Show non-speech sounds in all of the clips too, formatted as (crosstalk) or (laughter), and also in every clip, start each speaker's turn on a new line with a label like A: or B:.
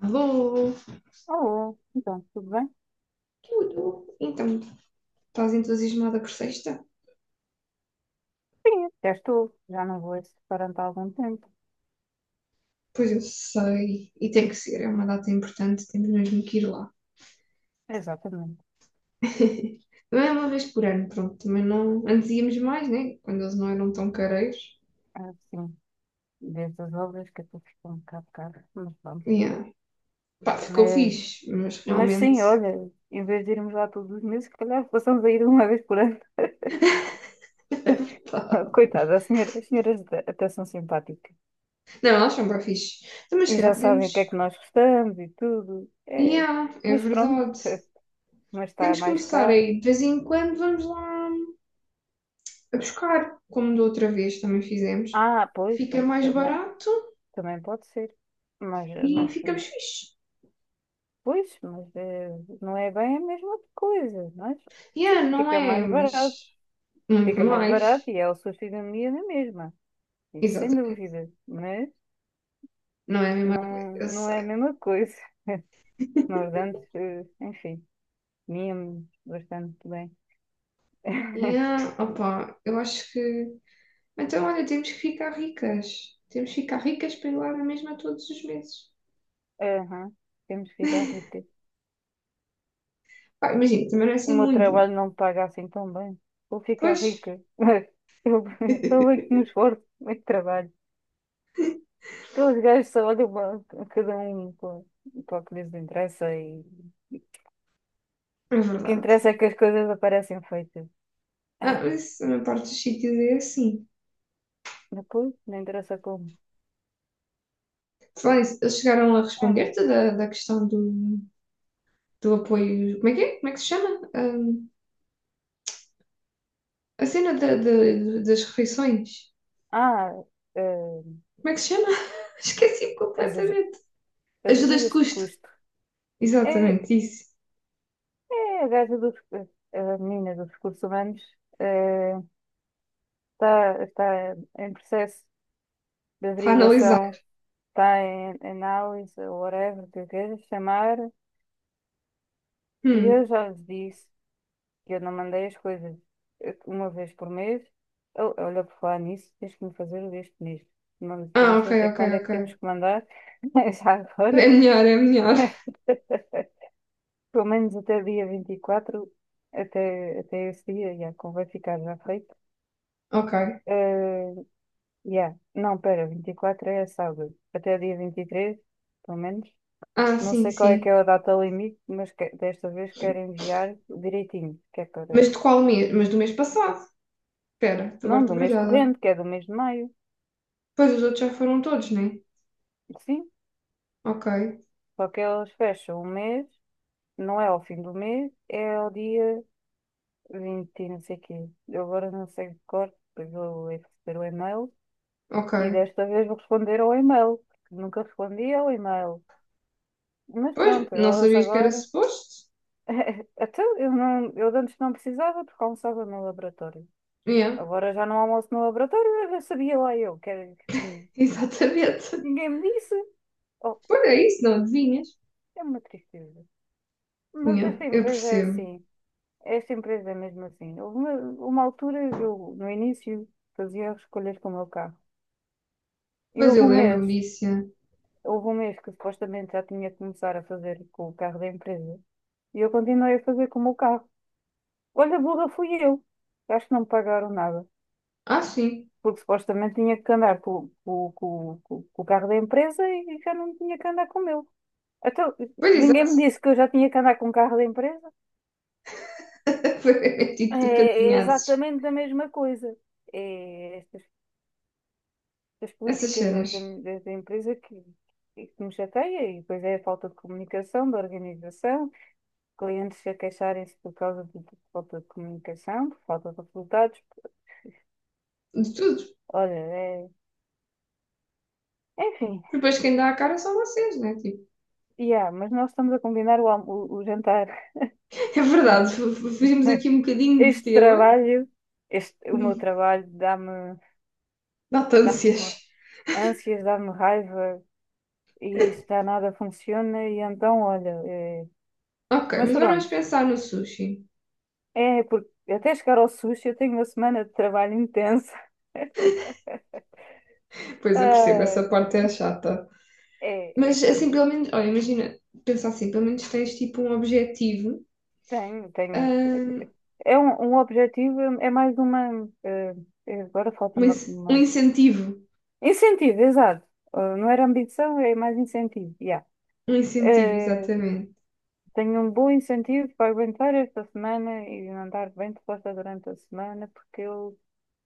A: Alô?
B: Alô, então, tudo bem?
A: Tudo? Então, estás entusiasmada por sexta?
B: Sim, até estou. Já não vou a esse restaurante há algum tempo.
A: Pois eu sei, e tem que ser, é uma data importante, temos mesmo que ir lá.
B: Exatamente.
A: (laughs) Não é uma vez por ano, pronto, também não. Antes íamos mais, né? Quando eles não eram tão careiros.
B: Assim, desde as obras que até ficou um bocado caro, mas pronto.
A: Yeah. Pá, ficou
B: Mas,
A: fixe, mas
B: mas
A: realmente.
B: sim, olha, em vez de irmos lá todos os meses, se calhar possamos ir uma vez por ano. (laughs)
A: Pá.
B: Coitada, as senhoras até são simpáticas.
A: Não, eles são bem fixe. Então, mas se
B: E já
A: calhar
B: sabem o que é
A: podemos.
B: que nós gostamos e tudo. É,
A: Yeah, é
B: mas pronto,
A: verdade.
B: (laughs) mas está
A: Temos que
B: mais
A: começar
B: caro.
A: aí. De vez em quando vamos lá a buscar, como da outra vez também fizemos.
B: Ah, pois,
A: Fica
B: pois,
A: mais barato
B: também pode ser. Mas,
A: e
B: mas
A: ficamos fixe.
B: pois, mas não é bem a mesma coisa, mas
A: Yeah,
B: sim,
A: não
B: fica
A: é,
B: mais barato.
A: mas muito
B: Fica mais
A: mais.
B: barato e é o sushi da minha na mesma. Isso sem
A: Exatamente.
B: dúvida. Mas
A: Não é a mesma coisa,
B: não,
A: eu
B: não é a
A: sei.
B: mesma coisa. (laughs) Nós antes, enfim, comíamos bastante bem. (laughs)
A: Yeah, opa, eu acho que. Então, olha, temos que ficar ricas. Temos que ficar ricas para ir lá na mesma todos os meses.
B: Aham, temos que ficar ricas.
A: Pá, imagina, também não é
B: O
A: assim
B: meu
A: muito.
B: trabalho não me paga assim tão bem. Vou ficar
A: Pois.
B: rica. (laughs) Eu, eu é que
A: (laughs)
B: me esforço, eu é que trabalho. Aqueles gajos só olham para cada um para o que lhes interessa e
A: É
B: o que
A: verdade.
B: interessa é que as coisas aparecem feitas.
A: Ah,
B: Ah,
A: mas isso, a maior parte dos sítios é assim.
B: depois, não interessa como.
A: Falar nisso, eles chegaram a
B: Ah,
A: responder-te da questão do apoio? Como é que é? Como é que se chama? Ah, a cena das refeições.
B: ah, eh,
A: Como é que se chama? (laughs) Esqueci
B: as, aju-
A: completamente.
B: as
A: Ajudas de
B: ajudas de
A: custo.
B: custo. É,
A: Exatamente, isso.
B: é a gaja dos, a menina dos recursos humanos, eh, está em processo de
A: Está a analisar.
B: averiguação, está em análise, ou whatever que eu queira chamar, e
A: Hum.
B: eu já lhes disse eu não mandei as coisas, uma vez por mês. Oh, olha, por falar nisso, tens que me fazer o deste mês. Não, que eu
A: Ah,
B: não
A: ok,
B: sei até
A: ok,
B: quando é que
A: ok.
B: temos que mandar, (laughs) mas já
A: É
B: agora.
A: melhor, é melhor. (laughs)
B: (laughs) Pelo menos até dia 24, até esse dia, já, como vai ficar já feito.
A: Ok.
B: Eh, yeah. Não, pera, 24 é sábado. Até dia 23, pelo menos.
A: Ah,
B: Não
A: sim,
B: sei qual é que é
A: sim.
B: a data limite, mas que desta vez quero enviar direitinho, que é para.
A: Mas de qual mês? Mas do mês passado. Espera,
B: Não,
A: agora estou
B: do mês
A: baralhada.
B: corrente, que é do mês de maio.
A: Pois os outros já foram todos, né?
B: Sim,
A: Ok,
B: só que eles fecham o mês, não é ao fim do mês, é ao dia 20 e não sei quê. Eu agora não sei de cor, depois vou receber o e-mail
A: ok.
B: e desta vez vou responder ao e-mail, porque nunca respondi ao e-mail. Mas
A: Pois,
B: pronto,
A: não
B: elas
A: sabias que era
B: agora.
A: suposto?
B: (laughs) Até eu, não, eu de antes não precisava porque almoçava no laboratório.
A: Yeah,
B: Agora já não almoço no laboratório, eu sabia lá eu que era que tinha.
A: (laughs) exatamente.
B: Ninguém me disse. Oh,
A: Pois é isso, não adivinhas?
B: é uma tristeza. Mas esta
A: Yeah, eu
B: empresa é
A: percebo.
B: assim. Essa empresa é mesmo assim. Houve uma, altura, eu no início fazia escolhas com o meu carro. E
A: Pois eu lembro-me disso. Yeah.
B: houve um mês que supostamente já tinha que começar a fazer com o carro da empresa. E eu continuei a fazer com o meu carro. Olha, burra fui eu. Acho que não me pagaram nada.
A: Ah, sim.
B: Porque supostamente tinha que andar com o carro da empresa e já não tinha que andar com o meu. Então,
A: Pois
B: ninguém
A: exato.
B: me disse que eu já tinha que andar com o carro da empresa.
A: (laughs) Foi tipo
B: É
A: tu que
B: é
A: adivinhasses
B: exatamente a mesma coisa. É, estas das
A: essas
B: políticas
A: cenas
B: empresa que me chateia, e depois é a falta de comunicação, de organização, clientes a queixarem-se por causa de falta de comunicação, por falta de resultados.
A: de tudo.
B: Olha, é, enfim,
A: Depois quem dá a cara são vocês, né? Tipo,
B: yeah, mas nós estamos a combinar o, o jantar.
A: (laughs) é verdade, fugimos aqui
B: (laughs)
A: um bocadinho de
B: Este
A: tema.
B: trabalho, o meu
A: (laughs)
B: trabalho,
A: Batâncias.
B: dá-me ânsias, dá-me raiva e isto já nada funciona, e então, olha, é,
A: Ok,
B: mas
A: mas agora vamos
B: pronto.
A: pensar no sushi.
B: É, porque até chegar ao sushi eu tenho uma semana de trabalho intensa. (laughs)
A: Pois eu percebo,
B: Ah,
A: essa parte é chata.
B: é, é
A: Mas assim,
B: chato.
A: pelo menos, olha, imagina, pensar assim, pelo menos tens tipo um objetivo,
B: Tenho, tenho.
A: ahm,
B: É um objetivo, é mais uma. Agora falta
A: um
B: uma-
A: incentivo.
B: incentivo, exato. Ah, não era ambição, é mais incentivo. Yeah.
A: Um incentivo,
B: Eh,
A: exatamente.
B: tenho um bom incentivo para aguentar esta semana e andar bem disposta durante a semana, porque eu,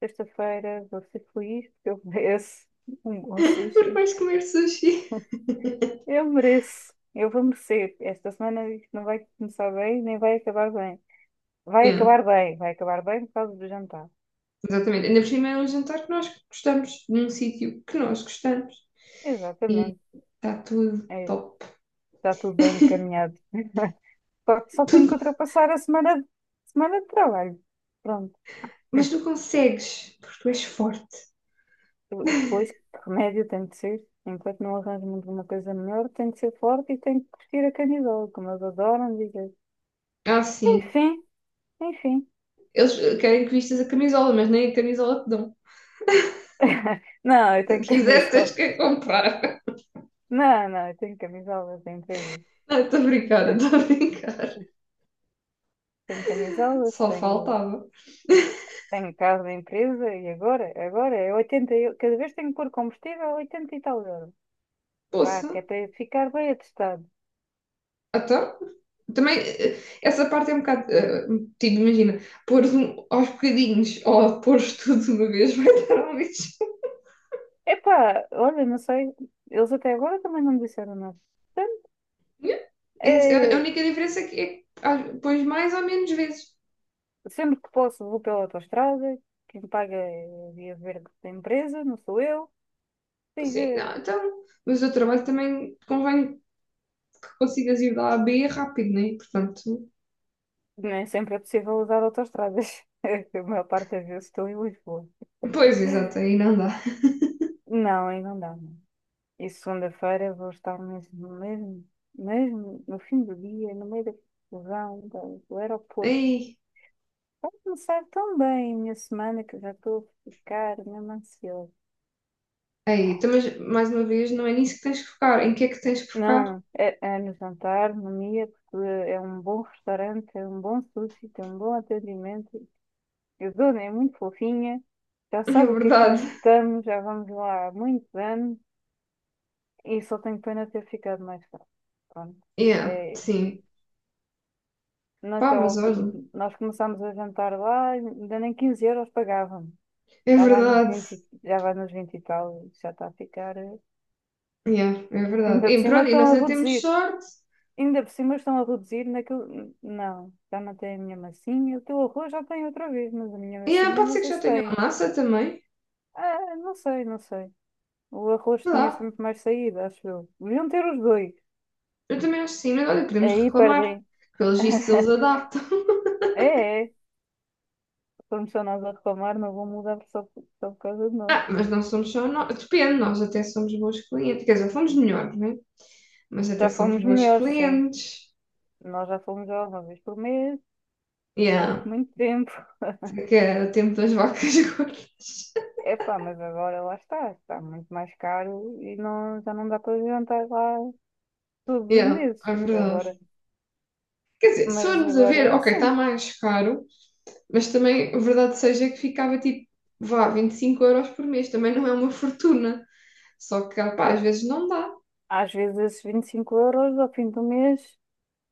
B: sexta-feira, vou ser feliz, porque eu (laughs) mereço um bom
A: (laughs) Porque
B: sushi.
A: vais comer sushi.
B: Eu mereço. Eu vou merecer. Esta semana isto não vai começar bem, nem vai acabar bem. Vai
A: Yeah.
B: acabar bem, vai acabar bem por causa do jantar.
A: Exatamente. Ainda por cima é um jantar que nós gostamos, num sítio que nós gostamos. E
B: Exatamente.
A: está tudo
B: É,
A: top.
B: está tudo bem encaminhado. Só tenho que
A: Tudo.
B: ultrapassar a semana, semana de trabalho. Pronto.
A: Mas tu consegues, porque tu és forte.
B: Depois, que remédio tem de ser. Enquanto não arranjo muito uma coisa melhor, tem de ser forte e tem que vestir a camisola, como eles adoram dizer.
A: Ah, sim.
B: Enfim, enfim.
A: Eles querem que vistas a camisola, mas nem a camisola te dão.
B: (laughs) Não, eu
A: Se
B: tenho
A: quiseres,
B: camisola.
A: tens que a comprar.
B: Não, não, eu tenho camisolas da empresa.
A: (laughs) Não, estou a brincar,
B: (laughs)
A: estou a brincar.
B: Tenho camisolas,
A: Só
B: tenho,
A: faltava.
B: tenho carro da empresa e agora, agora é 80 eu, cada vez tenho que pôr combustível a 80 e tal euros. Vá,
A: Poça,
B: que é para ficar bem atestado.
A: então. Também, essa parte é um bocado. Tipo, imagina, pôr um, aos bocadinhos ou pôr tudo de uma vez (laughs) vai dar um lixo.
B: Epá, olha, não sei, eles até agora também não me disseram nada. Portanto,
A: Yeah. A
B: é,
A: única diferença é que pões mais ou menos vezes.
B: sempre que posso vou pela autoestrada, quem paga é a via verde da empresa, não sou eu.
A: Assim,
B: Diga,
A: então, mas o trabalho também convém que consigas ir da A a B rápido, né? Portanto,
B: nem sempre é possível usar autoestradas, (laughs) a maior parte das vezes estou em Lisboa.
A: pois, exato, aí não dá.
B: Não, aí não dá. E segunda-feira vou estar mesmo, mesmo, mesmo no fim do dia, no meio da confusão do aeroporto.
A: Aí,
B: Vai começar tão bem a minha semana que já estou a ficar mesmo ansiosa.
A: aí, então, mas mais uma vez, não é nisso que tens que focar. Em que é que tens que focar?
B: Não,
A: (laughs)
B: é, é no jantar, no Mia, porque é um bom restaurante, é um bom sushi, tem um bom atendimento. A dona é muito fofinha, já
A: É
B: sabe o que é que
A: verdade.
B: nós gostamos, já vamos lá há muitos anos e só tenho pena de ter ficado mais tarde. Pronto.
A: Yeah,
B: É, é
A: sim. Pá,
B: naquela
A: mas
B: altura,
A: olha,
B: nós começámos a jantar lá, ainda nem 15 euros pagavam.
A: é
B: Já vai nos
A: verdade.
B: 20 e- já vai nos 20 e tal, já está a ficar. Eh.
A: Yeah, é verdade.
B: Ainda por
A: E
B: cima
A: pronto, e nós
B: estão a
A: ainda temos
B: reduzir.
A: sorte.
B: Ainda por cima estão a reduzir naquilo. Não, já não tem a minha massinha. O teu arroz já tem outra vez, mas a minha
A: Yeah,
B: massinha
A: pode
B: não
A: ser que
B: sei
A: já
B: se
A: tenha
B: tem.
A: uma massa também.
B: Ah, não sei, não sei. O arroz
A: Sei
B: tinha
A: lá.
B: sempre mais saída, acho eu. Deviam ter os dois.
A: Eu também acho que sim, mas olha, podemos
B: Aí
A: reclamar.
B: perdem.
A: Pelos vistos eles
B: (laughs)
A: adaptam. (laughs)
B: É, é. Como só nós a reclamar, não vão mudar só por causa de nós.
A: Ah, mas não somos só nós. Depende, nós até somos bons clientes. Quer dizer, fomos melhores, né? Mas até
B: Já
A: somos
B: fomos
A: bons
B: melhores, sim.
A: clientes.
B: Nós já fomos já uma vez por mês, durante
A: Yeah.
B: muito tempo. (laughs)
A: Que é o tempo das vacas (laughs) gordas.
B: Epá, mas agora lá está, está muito mais caro e não, já não dá para jantar lá todos os
A: Yeah,
B: meses.
A: é verdade.
B: Agora,
A: Quer dizer, se
B: mas
A: formos a ver,
B: agora
A: ok, está
B: sim.
A: mais caro, mas também a verdade seja que ficava tipo, vá, 25 € por mês. Também não é uma fortuna. Só que, pá, às vezes não dá.
B: Às vezes esses 25 euros ao fim do mês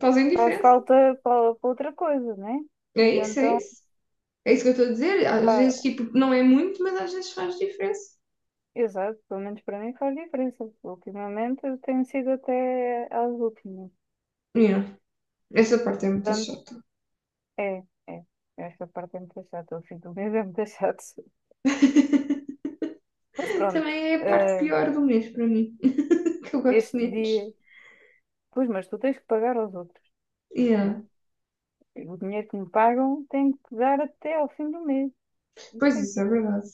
A: Fazem
B: faz
A: diferença.
B: falta para outra coisa, né? E
A: É isso, é
B: então,
A: isso. É isso que eu estou a dizer. Às
B: pá,
A: vezes, tipo, não é muito, mas às vezes faz diferença.
B: exato, pelo menos para mim faz diferença. Ultimamente eu tenho sido até às últimas.
A: Yeah. Essa parte é muito
B: Portanto,
A: chata.
B: é, é. Esta parte é muito chata, o fim do mês é muito (laughs) chato.
A: (laughs)
B: Mas pronto,
A: Também é a parte
B: eh,
A: pior do mês para mim, (laughs) que eu gosto
B: este
A: menos.
B: dia, pois, mas tu tens que pagar aos outros,
A: Yeah.
B: né? O dinheiro que me pagam tem que dar até ao fim do mês. Isso
A: Pois
B: tem que
A: isso, é
B: ser.
A: verdade.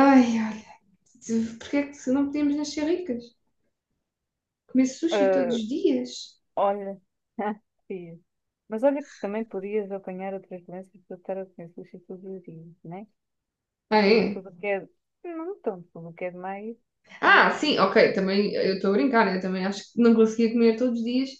A: Ai, olha, porquê é que não podíamos nascer ricas? Comer sushi todos
B: Eh,
A: os dias?
B: olha, (laughs) fiz. Mas olha que também podias apanhar outras doenças para estar a doenças todos os dias, né?
A: Ah,
B: Também
A: é?
B: tudo o que é. Não tanto, tudo o que é demais,
A: Ah,
B: também.
A: sim, ok, também eu estou a brincar, eu também acho que não conseguia comer todos os dias.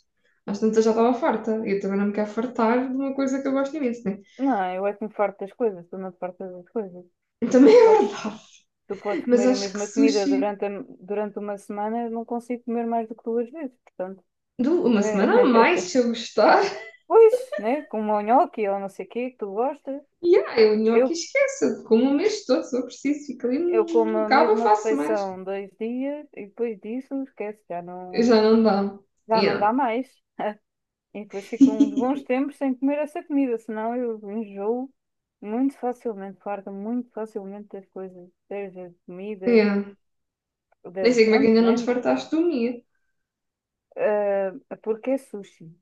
A: Às tantas já estava farta. Eu também não me quero fartar de uma coisa que eu gosto imenso, né?
B: Não, eu é que me farto das coisas, tu não te fartas das coisas.
A: Também
B: Tu
A: é
B: podes,
A: verdade.
B: Tu podes
A: Mas
B: comer a
A: acho que
B: mesma comida
A: sushi
B: durante, durante uma semana, eu não consigo comer mais do que duas vezes. Portanto.
A: dou uma semana a mais
B: Eh,
A: se
B: (laughs)
A: eu gostar.
B: pois, né? Como o nhoque ou não sei o quê que tu gostas.
A: E eu nhoque
B: Eu,
A: esqueço, eu como o mês todo, se eu preciso, fico ali,
B: eu como
A: hum,
B: a
A: acaba,
B: mesma
A: faço mais.
B: refeição 2 dias e depois disso, esquece,
A: Já não dá.
B: já não dá
A: Yeah,
B: mais. (laughs) E depois fico uns bons tempos sem comer essa comida, senão eu enjoo muito facilmente, farto muito facilmente das coisas, das comidas,
A: yeah. Nem
B: da,
A: sei como é que
B: pronto,
A: ainda não
B: né?
A: desfartaste do minha.
B: Ah, porque é sushi.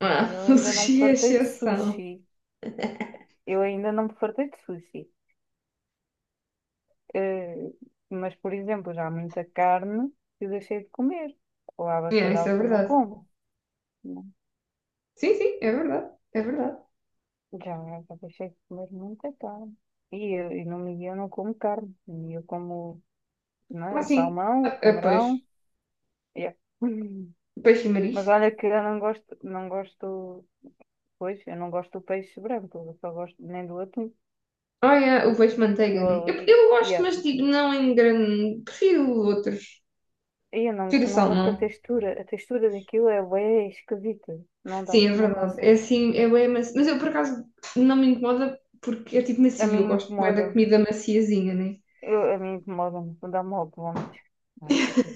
A: Ah,
B: Eu
A: (laughs) o
B: ainda não me
A: sushi é
B: fartei de
A: exceção.
B: sushi. Eu ainda não me fartei de sushi. Eh, mas, por exemplo, já há muita carne que eu deixei de comer. Ou há
A: Yeah, isso
B: bacalhau
A: é
B: que eu não
A: verdade.
B: como. Né?
A: Sim, sim, é verdade. É verdade.
B: Já, já deixei de comer muita carne. E no Miguel eu não como carne. E eu como, não é,
A: Mas
B: o
A: sim,
B: salmão, o
A: é peixe.
B: camarão. Yeah. (laughs)
A: Peixe e
B: Mas
A: marisco.
B: olha que eu não gosto, pois, eu não gosto do peixe branco. Eu só gosto nem do atum.
A: Ah, yeah, o peixe manteiga,
B: Eu
A: né? Eu,
B: ali,
A: eu gosto,
B: yeah.
A: mas digo não em grande. Prefiro outros.
B: E eu
A: Prefiro
B: não gosto da
A: salmão.
B: textura. A textura daquilo é bem esquisita. Não dá,
A: Sim, é
B: não
A: verdade. É
B: consigo.
A: assim, eu é macio. Mas eu por acaso não me incomoda porque é tipo
B: A
A: macio e eu
B: mim
A: gosto bem
B: incomoda.
A: da comida maciazinha, né?
B: A mim incomoda-me, dá-me logo vómitos. Não, não consigo.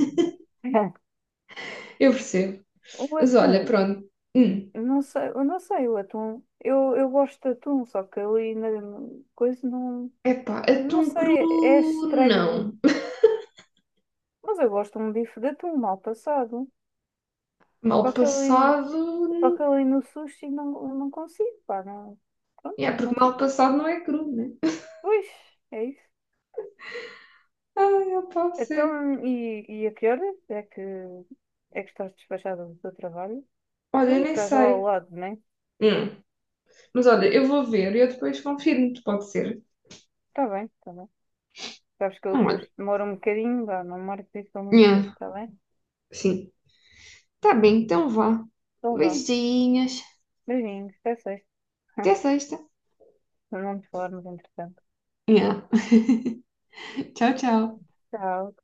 B: (laughs)
A: Eu percebo.
B: O
A: Mas olha,
B: atum,
A: pronto. Hum.
B: não sei, eu não sei, o atum, eu gosto de atum, só que ali na coisa não,
A: Epá,
B: não
A: atum cru
B: sei, é estranho,
A: não.
B: mas eu gosto de um bife de atum mal passado,
A: Mal
B: só que ali, só que
A: passado.
B: ali no sushi não, não consigo, pá, não, pronto,
A: É,
B: não
A: porque mal
B: consigo.
A: passado não é cru, né?
B: Pois, é isso.
A: Ai, opá, sério.
B: Então, e a que horas é que estás despachada do teu trabalho?
A: Olha, eu
B: Tu
A: nem
B: estás lá ao
A: sei.
B: lado, não é?
A: Hum. Mas olha, eu vou ver e eu depois confirmo-te, pode ser.
B: Está bem, está bem. Sabes que eu
A: Não,
B: depois
A: olha.
B: demoro um bocadinho, vá, não marco isso tão muito cedo,
A: Nhã,
B: está bem?
A: sim. Tá bem, então vá.
B: Então vá.
A: Beijinhos.
B: Beijinhos, até sexta.
A: Até
B: (laughs)
A: sexta.
B: Não nos falarmos entretanto.
A: Nhã. Tchau, tchau.
B: Tchau.